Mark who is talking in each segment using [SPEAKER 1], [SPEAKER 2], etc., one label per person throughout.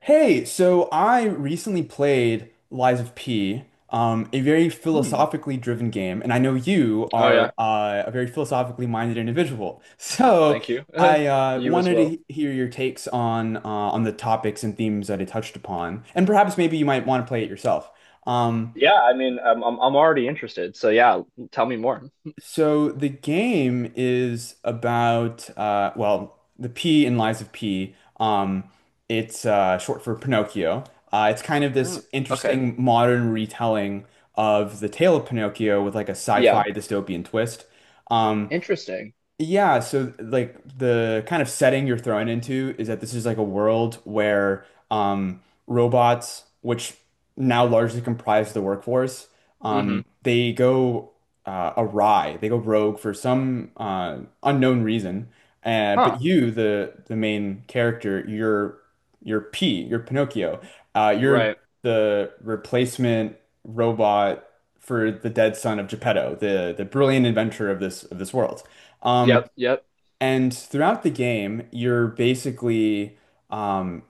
[SPEAKER 1] Hey, so I recently played Lies of P, a very
[SPEAKER 2] Mm.
[SPEAKER 1] philosophically driven game, and I know you
[SPEAKER 2] Oh
[SPEAKER 1] are
[SPEAKER 2] yeah.
[SPEAKER 1] a very philosophically minded individual.
[SPEAKER 2] Well,
[SPEAKER 1] So
[SPEAKER 2] thank you.
[SPEAKER 1] I
[SPEAKER 2] You as
[SPEAKER 1] wanted to
[SPEAKER 2] well.
[SPEAKER 1] hear your takes on the topics and themes that it touched upon, and perhaps maybe you might want to play it yourself. Um,
[SPEAKER 2] Yeah, I mean, I'm already interested. So yeah, tell me more.
[SPEAKER 1] So the game is about well, the P in Lies of P. It's short for Pinocchio. It's kind of
[SPEAKER 2] Oh,
[SPEAKER 1] this
[SPEAKER 2] okay.
[SPEAKER 1] interesting modern retelling of the tale of Pinocchio with like a sci-fi
[SPEAKER 2] Yeah.
[SPEAKER 1] dystopian twist. Um,
[SPEAKER 2] Interesting.
[SPEAKER 1] yeah, so like the kind of setting you're thrown into is that this is like a world where robots, which now largely comprise the workforce,
[SPEAKER 2] Mm-hmm.
[SPEAKER 1] they go awry, they go rogue for some unknown reason.
[SPEAKER 2] Huh.
[SPEAKER 1] But you, the main character, you're P, you're Pinocchio. You're
[SPEAKER 2] Right.
[SPEAKER 1] the replacement robot for the dead son of Geppetto, the brilliant inventor of this world. Um,
[SPEAKER 2] Yep. Yep.
[SPEAKER 1] and throughout the game, you're basically um,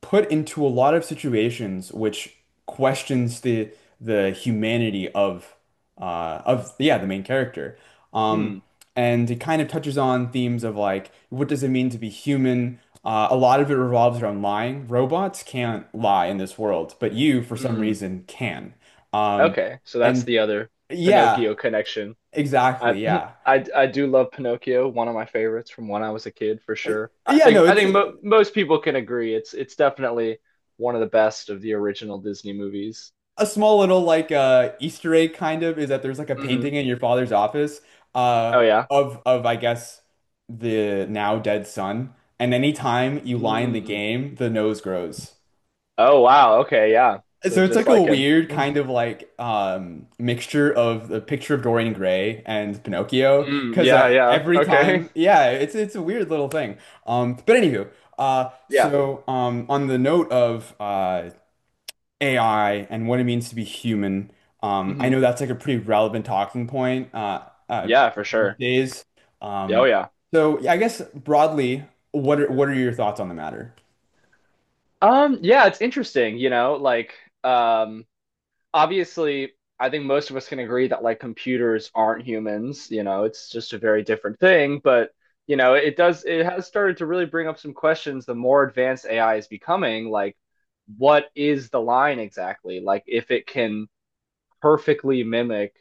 [SPEAKER 1] put into a lot of situations which questions the humanity of yeah the main character. Um,
[SPEAKER 2] Hmm.
[SPEAKER 1] and it kind of touches on themes of like, what does it mean to be human? A lot of it revolves around lying. Robots can't lie in this world, but you, for some
[SPEAKER 2] Hmm.
[SPEAKER 1] reason, can. Um,
[SPEAKER 2] Okay. So that's
[SPEAKER 1] and
[SPEAKER 2] the other
[SPEAKER 1] yeah,
[SPEAKER 2] Pinocchio connection. I
[SPEAKER 1] exactly, yeah.
[SPEAKER 2] I do love Pinocchio, one of my favorites from when I was a kid for
[SPEAKER 1] Uh,
[SPEAKER 2] sure. I
[SPEAKER 1] Yeah,
[SPEAKER 2] think
[SPEAKER 1] no,
[SPEAKER 2] I
[SPEAKER 1] it's
[SPEAKER 2] think mo most people can agree it's definitely one of the best of the original Disney movies.
[SPEAKER 1] a small little like Easter egg kind of is that there's like a
[SPEAKER 2] Hmm.
[SPEAKER 1] painting in your father's office
[SPEAKER 2] Oh
[SPEAKER 1] uh
[SPEAKER 2] yeah.
[SPEAKER 1] of I guess the now dead son. And anytime you lie in the
[SPEAKER 2] Hmm.
[SPEAKER 1] game, the nose grows.
[SPEAKER 2] Oh wow. Okay. Yeah. So
[SPEAKER 1] So it's
[SPEAKER 2] just
[SPEAKER 1] like a
[SPEAKER 2] like him.
[SPEAKER 1] weird
[SPEAKER 2] Mm.
[SPEAKER 1] kind of like mixture of The Picture of Dorian Gray and Pinocchio
[SPEAKER 2] Mm,
[SPEAKER 1] because
[SPEAKER 2] yeah. Yeah.
[SPEAKER 1] every
[SPEAKER 2] Okay.
[SPEAKER 1] time yeah it's a weird little thing but anywho
[SPEAKER 2] Yeah.
[SPEAKER 1] so on the note of AI and what it means to be human. I
[SPEAKER 2] Hmm.
[SPEAKER 1] know that's like a pretty relevant talking point uh,
[SPEAKER 2] Yeah. For
[SPEAKER 1] these
[SPEAKER 2] sure.
[SPEAKER 1] days.
[SPEAKER 2] Oh
[SPEAKER 1] Um,
[SPEAKER 2] yeah.
[SPEAKER 1] so yeah, I guess broadly, what are your thoughts on the matter?
[SPEAKER 2] Yeah. It's interesting. You know, like um. obviously, I think most of us can agree that like computers aren't humans. You know, it's just a very different thing. But you know, it does. It has started to really bring up some questions. The more advanced AI is becoming, like, what is the line exactly? Like, if it can perfectly mimic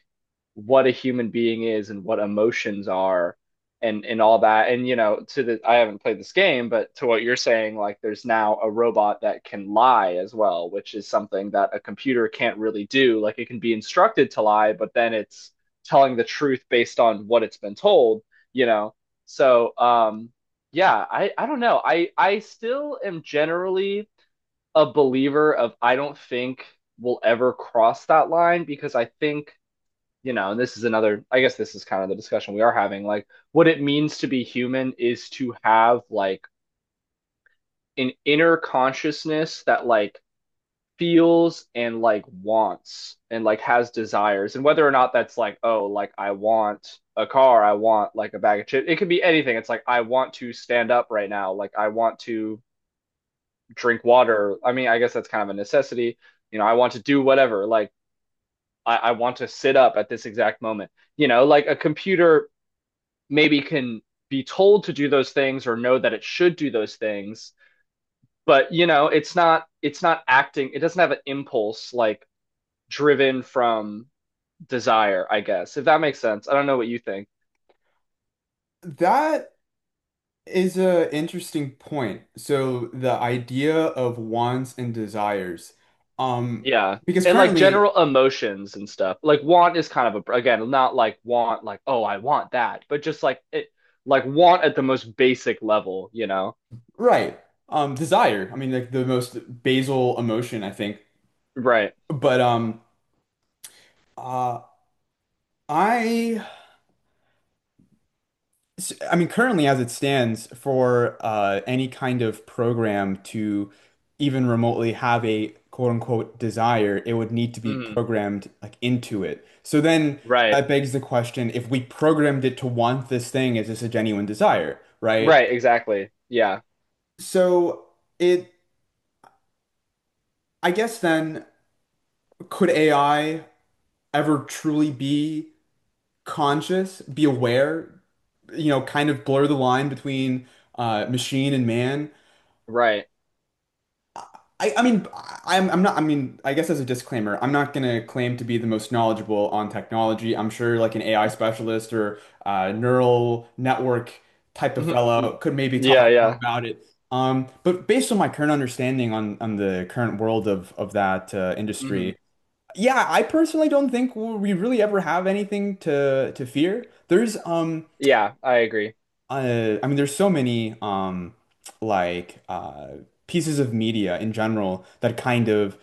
[SPEAKER 2] what a human being is and what emotions are and all that, and you know, to the, I haven't played this game, but to what you're saying, like there's now a robot that can lie as well, which is something that a computer can't really do. Like it can be instructed to lie, but then it's telling the truth based on what it's been told, you know? So yeah, I don't know. I still am generally a believer of, I don't think we'll ever cross that line, because I think, you know, and this is another, I guess this is kind of the discussion we are having. Like, what it means to be human is to have like an inner consciousness that like feels and like wants and like has desires. And whether or not that's like, oh, like I want a car, I want like a bag of chips, it could be anything. It's like, I want to stand up right now, like I want to drink water. I mean, I guess that's kind of a necessity. You know, I want to do whatever. Like, I want to sit up at this exact moment. You know, like a computer maybe can be told to do those things or know that it should do those things, but you know, it's not acting. It doesn't have an impulse like driven from desire, I guess, if that makes sense. I don't know what you think.
[SPEAKER 1] That is an interesting point. So the idea of wants and desires, um,
[SPEAKER 2] Yeah.
[SPEAKER 1] because
[SPEAKER 2] And like
[SPEAKER 1] currently,
[SPEAKER 2] general emotions and stuff. Like want is kind of a, again, not like want like oh, I want that, but just like it, like want at the most basic level, you know?
[SPEAKER 1] right, desire. I mean, like the most basal emotion, I think.
[SPEAKER 2] Right.
[SPEAKER 1] But um, uh, I I mean, currently, as it stands, for any kind of program to even remotely have a quote unquote desire, it would need to be
[SPEAKER 2] Hmm.
[SPEAKER 1] programmed like into it. So then
[SPEAKER 2] Right.
[SPEAKER 1] that begs the question, if we programmed it to want this thing, is this a genuine desire, right?
[SPEAKER 2] Right, exactly. Yeah.
[SPEAKER 1] So it, I guess then, could AI ever truly be conscious, be aware, you know, kind of blur the line between machine and man?
[SPEAKER 2] Right.
[SPEAKER 1] I, I mean, I'm not, I mean, I guess as a disclaimer, I'm not going to claim to be the most knowledgeable on technology. I'm sure like an AI specialist or neural network type of
[SPEAKER 2] Hmm.
[SPEAKER 1] fellow could maybe
[SPEAKER 2] Yeah,
[SPEAKER 1] talk more
[SPEAKER 2] yeah.
[SPEAKER 1] about it. But based on my current understanding on the current world of that
[SPEAKER 2] Hmm.
[SPEAKER 1] industry, yeah, I personally don't think we really ever have anything to fear.
[SPEAKER 2] Yeah, I agree.
[SPEAKER 1] I mean, there's so many like uh, pieces of media in general that kind of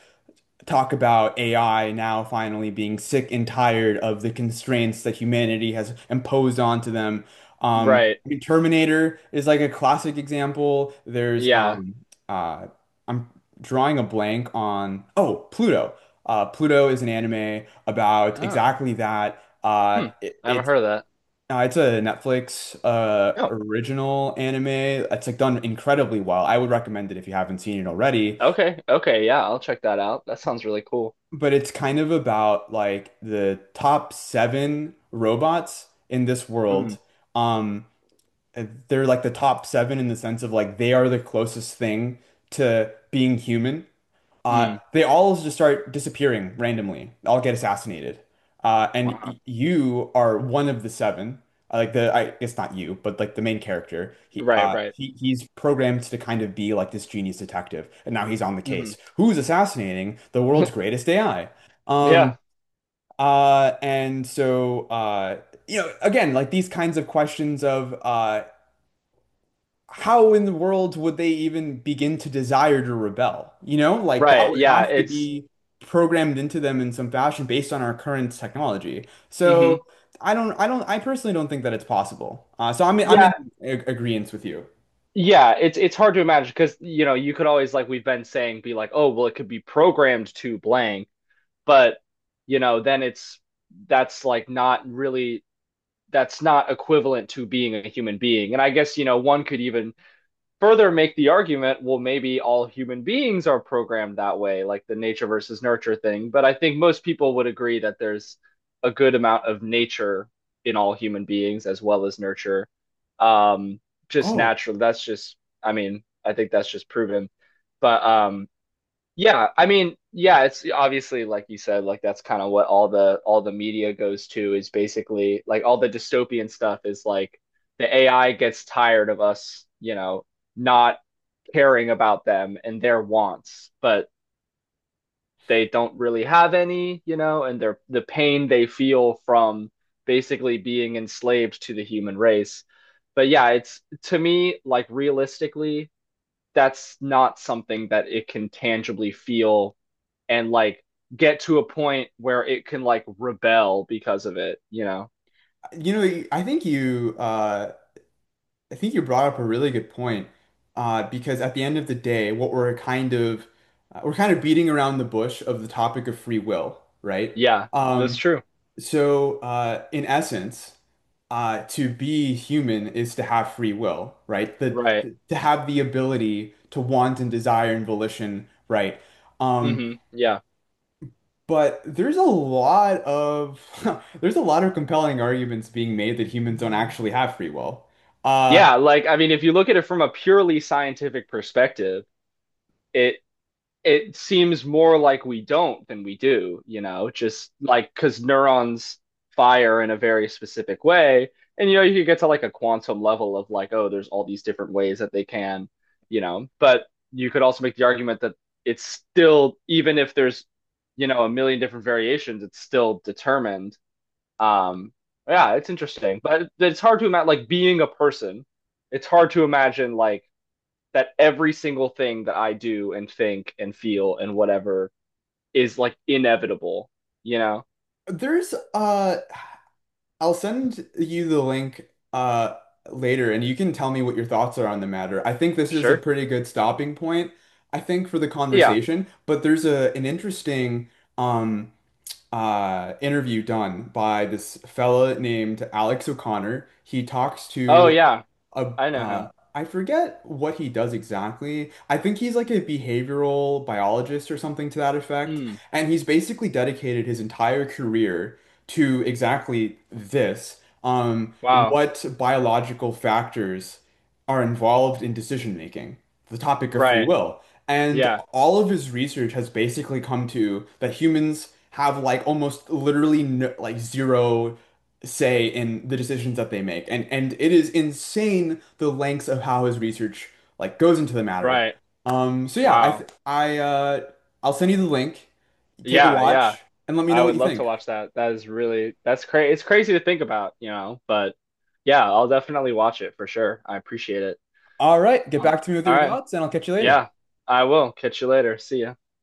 [SPEAKER 1] talk about AI now finally being sick and tired of the constraints that humanity has imposed onto them.
[SPEAKER 2] Right.
[SPEAKER 1] I mean, Terminator is like a classic example. There's
[SPEAKER 2] Yeah.
[SPEAKER 1] uh, I'm drawing a blank on oh Pluto. Pluto is an anime about
[SPEAKER 2] Oh.
[SPEAKER 1] exactly that.
[SPEAKER 2] Hmm.
[SPEAKER 1] It,
[SPEAKER 2] I haven't heard of that.
[SPEAKER 1] no, it's a Netflix
[SPEAKER 2] Oh.
[SPEAKER 1] original anime that's like done incredibly well. I would recommend it if you haven't seen it already.
[SPEAKER 2] Okay. Okay, yeah, I'll check that out. That sounds really cool.
[SPEAKER 1] But it's kind of about like the top seven robots in this
[SPEAKER 2] Mm.
[SPEAKER 1] world. Um, they're like the top seven in the sense of like they are the closest thing to being human.
[SPEAKER 2] Mm.
[SPEAKER 1] They all just start disappearing randomly, all get assassinated.
[SPEAKER 2] Wow.
[SPEAKER 1] You are one of the seven. It's not you, but like the main character.
[SPEAKER 2] Right, right.
[SPEAKER 1] He's programmed to kind of be like this genius detective, and now he's on the
[SPEAKER 2] Hmm.
[SPEAKER 1] case. Who's assassinating the world's greatest AI?
[SPEAKER 2] Yeah.
[SPEAKER 1] Um, and so, you know, again, like these kinds of questions of, how in the world would they even begin to desire to rebel? You know, like that
[SPEAKER 2] Right.
[SPEAKER 1] would
[SPEAKER 2] Yeah.
[SPEAKER 1] have to
[SPEAKER 2] It's
[SPEAKER 1] be programmed into them in some fashion based on our current technology.
[SPEAKER 2] Hmm.
[SPEAKER 1] So I don't, I personally don't think that it's possible. I'm in
[SPEAKER 2] Yeah.
[SPEAKER 1] ag agreement with you.
[SPEAKER 2] Yeah. It's hard to imagine because you know you could always, like we've been saying, be like oh well it could be programmed to blank, but you know then it's, that's like not really, that's not equivalent to being a human being. And I guess, you know, one could even further make the argument, well maybe all human beings are programmed that way, like the nature versus nurture thing. But I think most people would agree that there's a good amount of nature in all human beings as well as nurture. um just
[SPEAKER 1] Oh,
[SPEAKER 2] natural, that's just, I mean I think that's just proven. But yeah, I mean, yeah, it's obviously like you said, like that's kind of what all the media goes to, is basically like all the dystopian stuff is like the AI gets tired of us, you know, not caring about them and their wants, but they don't really have any, you know, and their, the pain they feel from basically being enslaved to the human race. But yeah, it's, to me, like realistically, that's not something that it can tangibly feel and like get to a point where it can like rebel because of it, you know?
[SPEAKER 1] you know, I think you brought up a really good point. Because at the end of the day, what we're kind of beating around the bush of the topic of free will, right?
[SPEAKER 2] Yeah, that's
[SPEAKER 1] Um,
[SPEAKER 2] true.
[SPEAKER 1] In essence, to be human is to have free will, right?
[SPEAKER 2] Right.
[SPEAKER 1] The To have the ability to want and desire and volition, right? Um,
[SPEAKER 2] Hmm. Yeah.
[SPEAKER 1] but there's a lot of there's a lot of compelling arguments being made that humans don't actually have free will. Uh,
[SPEAKER 2] Yeah, like I mean, if you look at it from a purely scientific perspective, it it seems more like we don't than we do, you know, just like because neurons fire in a very specific way. And, you know, you could get to like a quantum level of like, oh, there's all these different ways that they can, you know, but you could also make the argument that it's still, even if there's, you know, a million different variations, it's still determined. Um, yeah, it's interesting, but it's hard to imagine like being a person. It's hard to imagine like that every single thing that I do and think and feel and whatever is like inevitable, you know?
[SPEAKER 1] there's I'll send you the link uh later and you can tell me what your thoughts are on the matter. I think this is a
[SPEAKER 2] Sure.
[SPEAKER 1] pretty good stopping point, I think, for the
[SPEAKER 2] Yeah.
[SPEAKER 1] conversation, but there's a an interesting um interview done by this fella named Alex O'Connor. He talks
[SPEAKER 2] Oh,
[SPEAKER 1] to
[SPEAKER 2] yeah.
[SPEAKER 1] a
[SPEAKER 2] I know him.
[SPEAKER 1] I forget what he does exactly. I think he's like a behavioral biologist or something to that effect,
[SPEAKER 2] Hmm.
[SPEAKER 1] and he's basically dedicated his entire career to exactly this,
[SPEAKER 2] Wow.
[SPEAKER 1] what biological factors are involved in decision making, the topic of free
[SPEAKER 2] Right.
[SPEAKER 1] will. And
[SPEAKER 2] Yeah.
[SPEAKER 1] all of his research has basically come to that humans have like almost literally no, like zero say in the decisions that they make. And it is insane the lengths of how his research like goes into the matter.
[SPEAKER 2] Right.
[SPEAKER 1] So yeah, I
[SPEAKER 2] Wow.
[SPEAKER 1] th I I'll send you the link. Take a
[SPEAKER 2] Yeah. Yeah.
[SPEAKER 1] watch and let me
[SPEAKER 2] I
[SPEAKER 1] know what
[SPEAKER 2] would
[SPEAKER 1] you
[SPEAKER 2] love to
[SPEAKER 1] think.
[SPEAKER 2] watch that. That is really, that's crazy. It's crazy to think about, you know, but yeah, I'll definitely watch it for sure. I appreciate it.
[SPEAKER 1] All right, get
[SPEAKER 2] Um,
[SPEAKER 1] back to me with
[SPEAKER 2] all
[SPEAKER 1] your
[SPEAKER 2] right.
[SPEAKER 1] thoughts and I'll catch you later.
[SPEAKER 2] Yeah. I will. Catch you later. See ya.